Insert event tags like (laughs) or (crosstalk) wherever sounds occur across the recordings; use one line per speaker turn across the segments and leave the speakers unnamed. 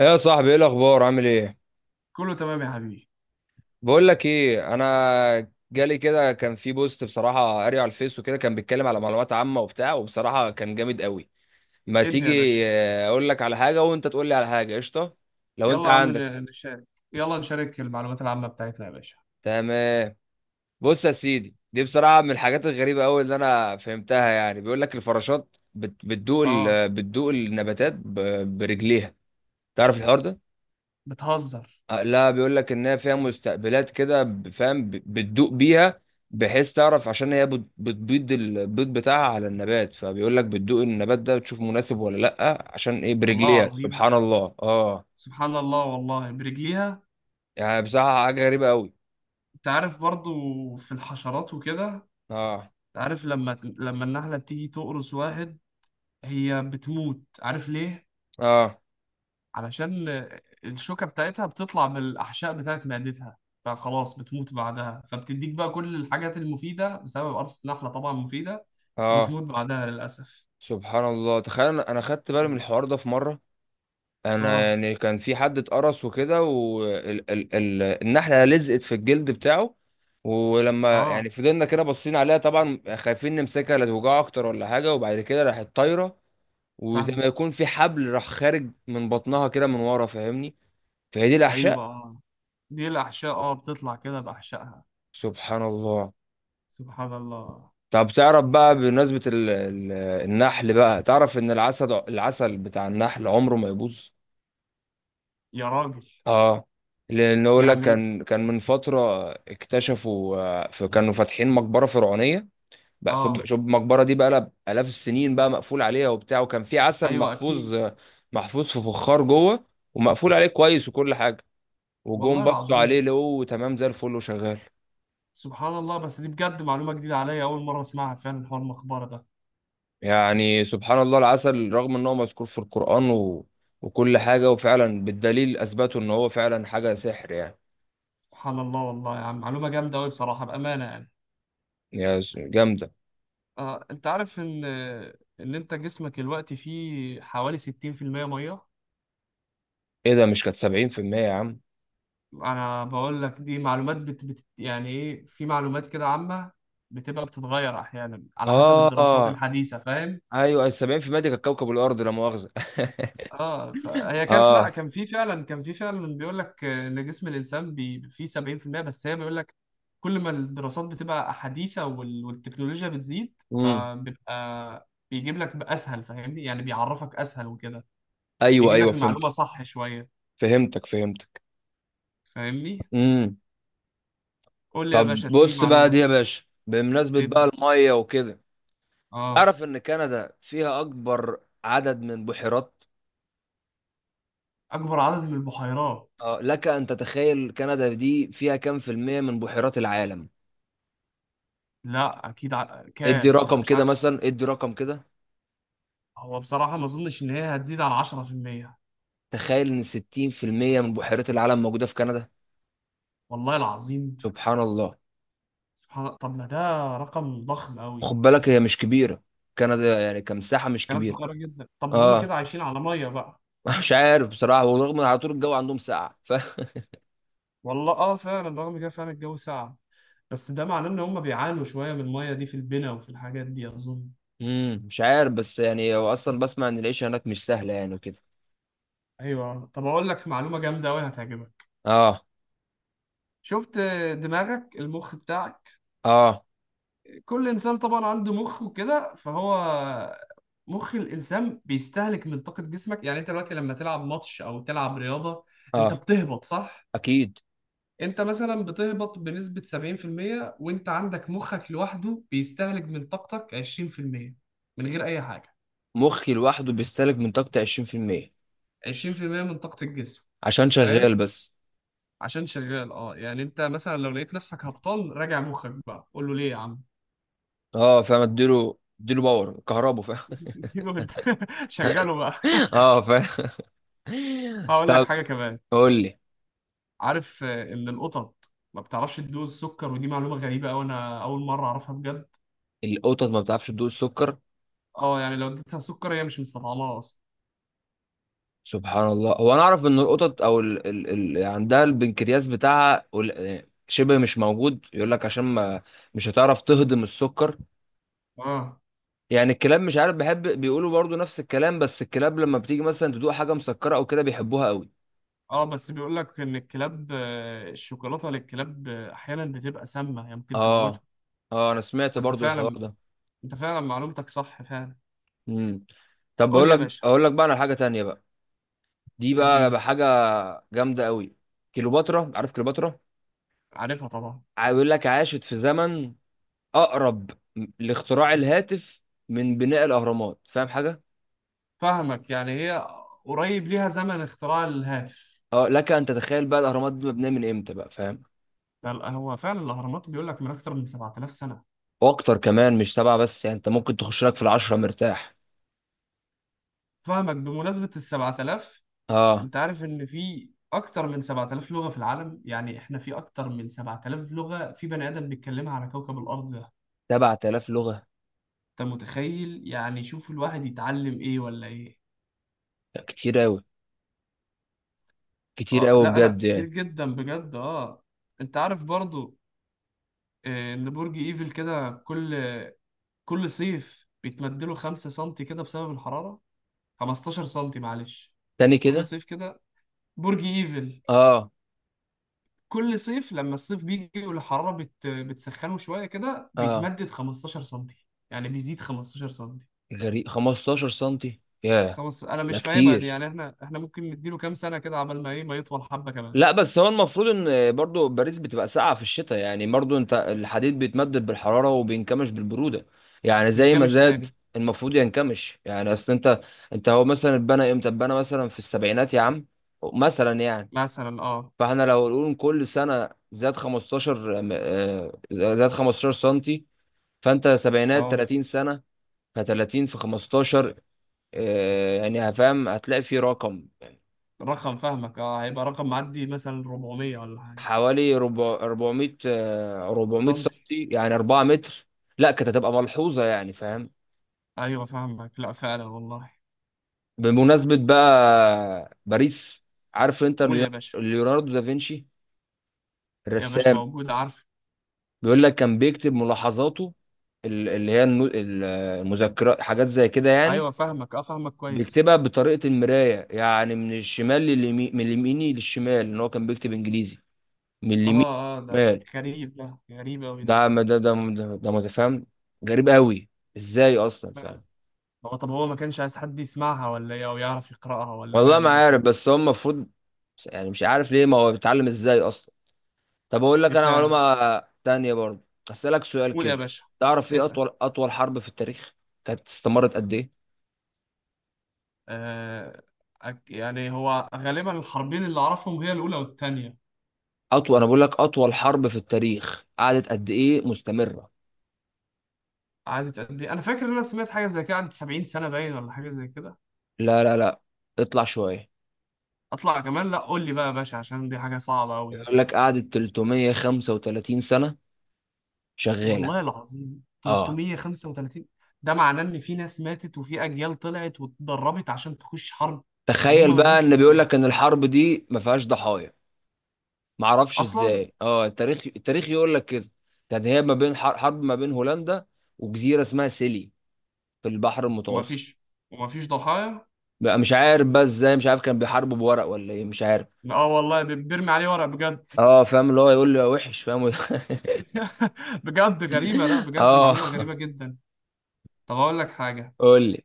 ايه يا صاحبي، ايه الاخبار؟ عامل ايه؟
كله تمام يا حبيبي.
بقول لك ايه، انا جالي كده كان في بوست، بصراحه قاري على الفيس وكده، كان بيتكلم على معلومات عامه وبتاع، وبصراحه كان جامد قوي. ما
ادي يا باشا.
تيجي اقول لك على حاجه وانت تقول لي على حاجه، قشطه. لو انت
يلا يا عم
عندك
نشارك. يلا نشارك المعلومات العامة بتاعتنا يا باشا.
تمام. بص يا سيدي، دي بصراحه من الحاجات الغريبه قوي اللي انا فهمتها. يعني بيقول لك الفراشات بتدوق
اه.
بتدوق النباتات برجليها. تعرف الحوار ده؟
بتهزر؟
لا، بيقول لك ان هي فيها مستقبلات كده، فاهم، بتدوق بيها، بحيث تعرف، عشان هي بتبيض البيض بتاعها على النبات، فبيقول لك بتدوق النبات ده بتشوف مناسب ولا لا، عشان ايه؟
والله
برجليها.
العظيم.
سبحان الله. اه.
سبحان الله والله برجليها.
يعني بصراحة حاجة غريبة قوي.
انت عارف برضو في الحشرات وكده، انت
اه.
عارف لما النحلة بتيجي تقرص واحد، هي بتموت، عارف ليه؟
اه.
علشان الشوكة بتاعتها بتطلع من الأحشاء بتاعت معدتها، فخلاص بتموت بعدها، فبتديك بقى كل الحاجات المفيدة بسبب قرصة نحلة، طبعا مفيدة،
اه.
وبتموت بعدها للأسف.
سبحان الله. تخيل، أنا خدت بالي من الحوار ده في مرة. انا
اه،
يعني كان في حد اتقرص وكده، والنحله لزقت في الجلد بتاعه، ولما
اه،
يعني فضلنا كده باصين عليها، طبعا خايفين نمسكها لا توجعه اكتر ولا حاجه، وبعد كده راحت طايره، وزي ما
فاهمة.
يكون في حبل راح خارج من بطنها كده من ورا، فاهمني؟ فهي دي
ايوه،
الاحشاء.
اه، دي الاحشاء، اه، بتطلع كده باحشائها.
سبحان الله.
سبحان الله.
طب تعرف بقى، بمناسبه النحل بقى، تعرف ان العسل، العسل بتاع النحل عمره ما يبوظ؟
يا راجل!
اه، لان اقول لك
يعني ال-
كان، كان من فتره اكتشفوا، فكانوا فاتحين مقبره فرعونيه بقى، شوف،
اه
شوف المقبره دي بقى لها الاف السنين بقى، مقفول عليها وبتاع، وكان في عسل
ايوه اكيد.
محفوظ، محفوظ في فخار جوه، ومقفول عليه كويس وكل حاجه، وجم
والله
بصوا عليه
العظيم.
لقوه تمام زي الفل وشغال.
سبحان الله. بس دي بجد معلومة جديدة عليا، اول مرة اسمعها فعلا، حوار المقبرة ده.
يعني سبحان الله، العسل رغم ان هو مذكور في القران وكل حاجه، وفعلا بالدليل اثبتوا ان هو فعلا حاجه سحر يعني.
سبحان الله والله يا عم، معلومة جامدة قوي بصراحة، بأمانة يعني.
جامده.
اه، انت عارف ان انت جسمك دلوقتي فيه حوالي 60%، مية.
ايه ده، مش كانت 70% يا عم؟
انا بقول لك دي معلومات يعني ايه، في معلومات كده عامة بتبقى بتتغير احيانا على حسب الدراسات
اه،
الحديثة، فاهم؟
ايوه، 70% دي كانت كوكب الارض، لا مؤاخذه.
اه،
(laughs)
فهي كانت، لا،
اه.
كان في فعلا بيقول لك ان جسم الانسان فيه 70%. بس هي بيقول لك، كل ما الدراسات بتبقى حديثة والتكنولوجيا بتزيد،
امم
فبيبقى بيجيب لك اسهل، فاهمني؟ يعني بيعرفك اسهل وكده.
ايوه،
بيجيب
ايوه،
لك
فهمت.
المعلومة صح شوية،
فهمتك، فهمتك.
فاهمني؟
امم
قول لي يا
طب
باشا، اديني
بص بقى دي
معلومة.
يا باشا، بمناسبه بقى
ادي.
الميه وكده،
اه.
تعرف ان كندا فيها اكبر عدد من بحيرات؟
اكبر عدد من البحيرات؟
آه، لك ان تتخيل كندا دي فيها كام في الميه من بحيرات العالم؟
لا، اكيد
ادي
كام، ما
رقم
يبقاش
كده
عدد.
مثلا، ادي رقم كده.
هو بصراحه ما اظنش ان هي هتزيد عن 10%.
تخيل ان 60% من بحيرات العالم موجوده في كندا.
والله العظيم.
سبحان الله.
سبحان الله، طب ما ده رقم ضخم
خد
قوي.
بالك هي مش كبيره، كندا يعني كمساحه مش
كانت
كبيره.
صغيره جدا، طب هما كده
اه.
عايشين على ميه بقى.
(laughs) مش عارف بصراحة، ورغم ان على طول الجو عندهم ساقع، ف (laughs)
والله اه، فعلا رغم كده فعلا الجو ساقع. بس ده معناه ان هما بيعانوا شويه من الميه دي في البنا وفي الحاجات دي، اظن.
مش عارف، بس يعني هو اصلا بسمع ان العيشة هناك مش سهلة يعني وكده.
ايوه. طب اقول لك معلومه جامده قوي، هتعجبك.
اه.
شفت؟ دماغك، المخ بتاعك.
اه.
كل انسان طبعا عنده مخ وكده، فهو مخ الانسان بيستهلك من طاقه جسمك. يعني انت دلوقتي لما تلعب ماتش او تلعب رياضه، انت
اه.
بتهبط، صح؟
اكيد.
انت مثلا بتهبط بنسبه 70%، وانت عندك مخك لوحده بيستهلك من طاقتك 20% من غير اي حاجه.
مخي لوحده بيستهلك من طاقتي 20%؟
20% من طاقه الجسم.
عشان شغال
فاهم؟
بس.
عشان شغال، اه، يعني انت مثلا لو لقيت نفسك هبطان، راجع مخك بقى، قول له ليه يا عم.
اه فاهم، اديله، اديله باور كهربا، فاهم.
(laughs) شغله بقى.
(laughs)
(laughs)
اه فاهم. (laughs)
هقول لك
طب
حاجه كمان.
قول لي.
عارف ان القطط ما بتعرفش تدوز السكر؟ ودي معلومه غريبه قوي، انا اول مره اعرفها بجد.
القطط ما بتعرفش تدوق السكر؟
اه، يعني لو اديتها سكر هي مش مستطعمها اصلا.
سبحان الله، هو انا اعرف ان القطط او يعني عندها البنكرياس بتاعها شبه مش موجود، يقول لك عشان ما مش هتعرف تهضم السكر.
اه.
يعني الكلاب مش عارف، بحب بيقولوا برضو نفس الكلام، بس الكلاب لما بتيجي مثلا تدوق حاجة مسكرة او كده بيحبوها قوي.
اه، بس بيقول لك ان الكلاب، الشوكولاته للكلاب احيانا بتبقى سامه، هي ممكن
اه.
تموتهم.
اه انا سمعت
فانت
برضو الحوار
فعلا،
ده.
انت فعلا معلومتك صح فعلا.
امم طب
قول
بقول
لي يا
لك،
باشا،
اقول لك بقى على حاجة تانية بقى، دي بقى
اديني.
حاجة جامدة قوي. كليوباترا، عارف كليوباترا؟
عارفها طبعا.
بيقول لك عاشت في زمن اقرب لاختراع الهاتف من بناء الاهرامات، فاهم حاجه؟
فاهمك، يعني هي قريب ليها زمن اختراع الهاتف.
اه لك ان تتخيل بقى الاهرامات دي مبنيه من امتى بقى، فاهم؟
ده هو فعلا الاهرامات بيقول لك من اكتر من 7000 سنه.
واكتر كمان، مش سبعه بس يعني، انت ممكن تخش لك في العشره مرتاح.
فاهمك. بمناسبه ال 7000،
اه،
انت عارف ان في اكتر من 7000 لغة في العالم؟ يعني احنا في اكتر من 7000 لغة في بني ادم بيتكلمها على كوكب الارض ده.
7000 لغه؟
انت متخيل؟ يعني شوف، الواحد يتعلم ايه ولا ايه؟
لا، كتير قوي، كتير
اه،
قوي
لا لا،
بجد
كتير
يعني.
جدا بجد، اه. انت عارف برضو ان برج ايفل كده، كل صيف بيتمدله 5 سم كده بسبب الحرارة؟ 15 سم، معلش.
تاني
كل
كده.
صيف كده. برج ايفل،
اه.
كل صيف لما الصيف بيجي والحرارة بتسخنه شوية كده،
اه
بيتمدد 15 سنتي، يعني بيزيد 15 سنتي.
غريب، 15 سنتي، ياه.
خمس، أنا
لا
مش فاهمها دي،
كتير.
يعني إحنا ممكن نديله كام سنة كده، عبال ما إيه، ما يطول حبة كمان.
لا بس هو المفروض ان برضو باريس بتبقى ساقعه في الشتاء، يعني برضو انت الحديد بيتمدد بالحراره وبينكمش بالبروده، يعني
من
زي ما
كامش
زاد
تاني؟
المفروض ينكمش. يعني اصل انت، انت هو مثلا اتبنى امتى؟ اتبنى مثلا في السبعينات يا عم، مثلا يعني.
مثلا، أه.
فاحنا لو نقول كل سنه زاد زاد 15 سنتي، فانت سبعينات
أه.
30 سنه، ف30 في 15، يعني هفهم، هتلاقي في رقم
رقم، فاهمك، أه، هيبقى رقم معدي مثلا 400 ولا حاجة.
حوالي 400، 400، 400
سنتي.
سنتي، يعني 4 متر. لا كانت هتبقى ملحوظة يعني، فاهم؟
أيوه فاهمك، لأ فعلا والله.
بمناسبة بقى باريس، عارف انت
قول يا باشا.
ليوناردو دافنشي
يا باشا
الرسام؟
موجود، عارف.
بيقول لك كان بيكتب ملاحظاته، اللي هي المذكرات حاجات زي كده يعني،
أيوه فاهمك، أه، فاهمك كويس.
بيكتبها بطريقة المراية، يعني من الشمال لليمين، من اليمين للشمال، ان هو كان بيكتب انجليزي من اليمين
أه، أه، ده
للشمال.
غريب، ده غريب أوي
ده
ده.
ده ده، ده متفهم، غريب قوي، ازاي اصلا، فاهم؟
هو طب هو ما كانش عايز حد يسمعها ولا ايه؟ او يعرف يقرأها، ولا
والله ما
ماله ده
عارف،
فيه.
بس هو المفروض، يعني مش عارف ليه، ما هو بيتعلم ازاي اصلا. طب اقول لك انا
دفاع.
معلومه تانية برضه، اسالك سؤال
قول يا
كده.
باشا.
تعرف ايه
اسأل.
اطول، اطول حرب في التاريخ كانت استمرت قد ايه؟
آه يعني هو غالبا الحربين اللي اعرفهم هي الاولى والثانيه.
اطول، انا بقول لك اطول حرب في التاريخ قعدت قد ايه مستمره؟
قعدت قد ايه؟ انا فاكر ان انا سمعت حاجه زي كده، قعدت 70 سنه باين، ولا حاجه زي كده.
لا لا لا، اطلع شويه.
اطلع كمان، لا، قول لي بقى يا باشا عشان دي حاجه صعبه قوي.
يقول لك قعدت 335 سنه شغاله.
والله العظيم،
اه.
335؟ ده معناه ان في ناس ماتت، وفي اجيال طلعت واتدربت عشان تخش حرب.
تخيل
وهم ما
بقى
لهمش
ان بيقول
ذنب.
لك ان الحرب دي ما فيهاش ضحايا. ما اعرفش
اصلا.
ازاي، اه، التاريخ، التاريخ يقول لك كده. كانت هي ما بين حرب ما بين هولندا وجزيره اسمها سيلي في البحر
وما
المتوسط.
فيش، وما فيش ضحايا؟
بقى مش عارف بقى ازاي، مش عارف، كان بيحاربوا بورق ولا ايه، مش عارف.
اه والله، بيرمي عليه ورق بجد.
اه فاهم، اللي هو يقول لي يا وحش فاهم. (laughs)
(laughs) بجد غريبة، لا، بجد
اه
معلومة غريبة جدا. طب اقول لك حاجة.
قول لي.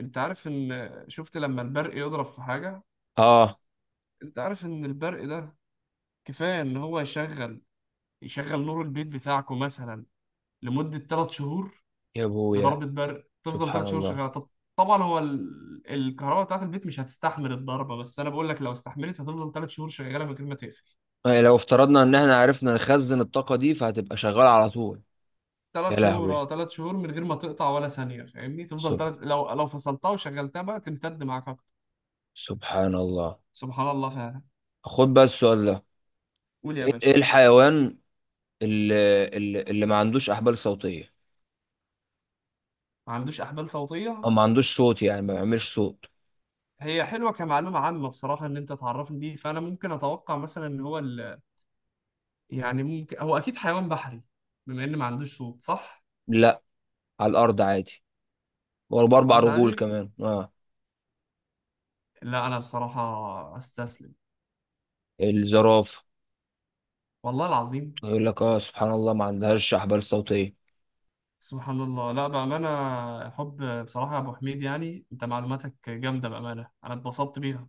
انت عارف، ان شفت لما البرق يضرب في حاجة؟
اه
انت عارف ان البرق ده كفاية ان هو يشغل نور البيت بتاعكم مثلا لمدة 3 شهور؟
يا ابويا.
بضربة برق تفضل
سبحان
3 شهور
الله.
شغالة، طب. طبعا هو الكهرباء بتاعت البيت مش هتستحمل الضربة، بس انا بقول لك لو استحملت هتفضل 3 شهور شغالة من غير ما تقفل.
لو افترضنا ان احنا عرفنا نخزن الطاقه دي فهتبقى شغاله على طول. يا
ثلاث شهور،
لهوي.
اه، ثلاث شهور من غير ما تقطع ولا ثانية، فاهمني؟ تفضل،
سب...
لو فصلتها وشغلتها بقى تمتد معاك أكتر.
سبحان الله.
سبحان الله فعلا.
خد بقى السؤال ده،
قول يا
ايه
باشا.
الحيوان اللي ما عندوش احبال صوتيه،
ما عندوش أحبال صوتية؟
او ما عندوش صوت، يعني ما بيعملش صوت؟
هي حلوة كمعلومة عامة بصراحة، إن أنت تعرفني دي، فأنا ممكن أتوقع مثلا إن هو يعني ممكن هو أكيد حيوان بحري، بما إن ما عندوش صوت، صح؟
لا على الارض عادي،
على
وباربع
الأرض
رجول
عادي.
كمان، اه.
لا، أنا بصراحة أستسلم.
الزرافه.
والله العظيم.
يقول لك اه، سبحان الله ما عندهاش احبال صوتيه.
سبحان الله. لا بأمانة، حب بصراحة يا أبو حميد، يعني أنت معلوماتك جامدة، بأمانة أنا اتبسطت بيها.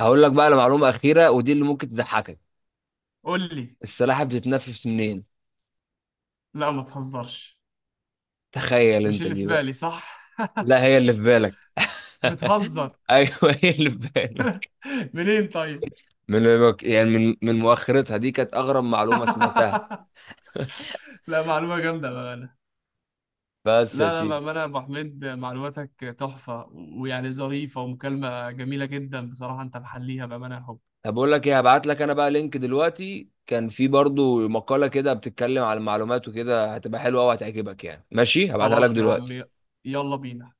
هقول لك بقى لمعلومه اخيره، ودي اللي ممكن تضحكك.
قول لي.
السلاحف بتتنفس منين؟
لا، ما تهزرش.
تخيل
مش
انت
اللي في
دي بقى.
بالي، صح؟
لا هي اللي في بالك.
بتهزر!
(laughs) ايوه، هي اللي في بالك.
منين طيب؟
من، يعني من، من مؤخرتها. دي كانت اغرب معلومه سمعتها.
(laughs) لا، معلومة جامدة بأمانة.
بس يا
لا لا،
سيدي.
بأمانة يا أبو حميد، معلوماتك تحفة، ويعني ظريفة، ومكالمة جميلة جدا بصراحة، أنت محليها، بأمانة يا حب.
طب بقول لك ايه، هبعت لك انا بقى لينك دلوقتي، كان في برضو مقالة كده بتتكلم على المعلومات وكده، هتبقى حلوة وهتعجبك يعني، ماشي؟ هبعتها لك
خلاص يا عمي.
دلوقتي.
يلا بينا.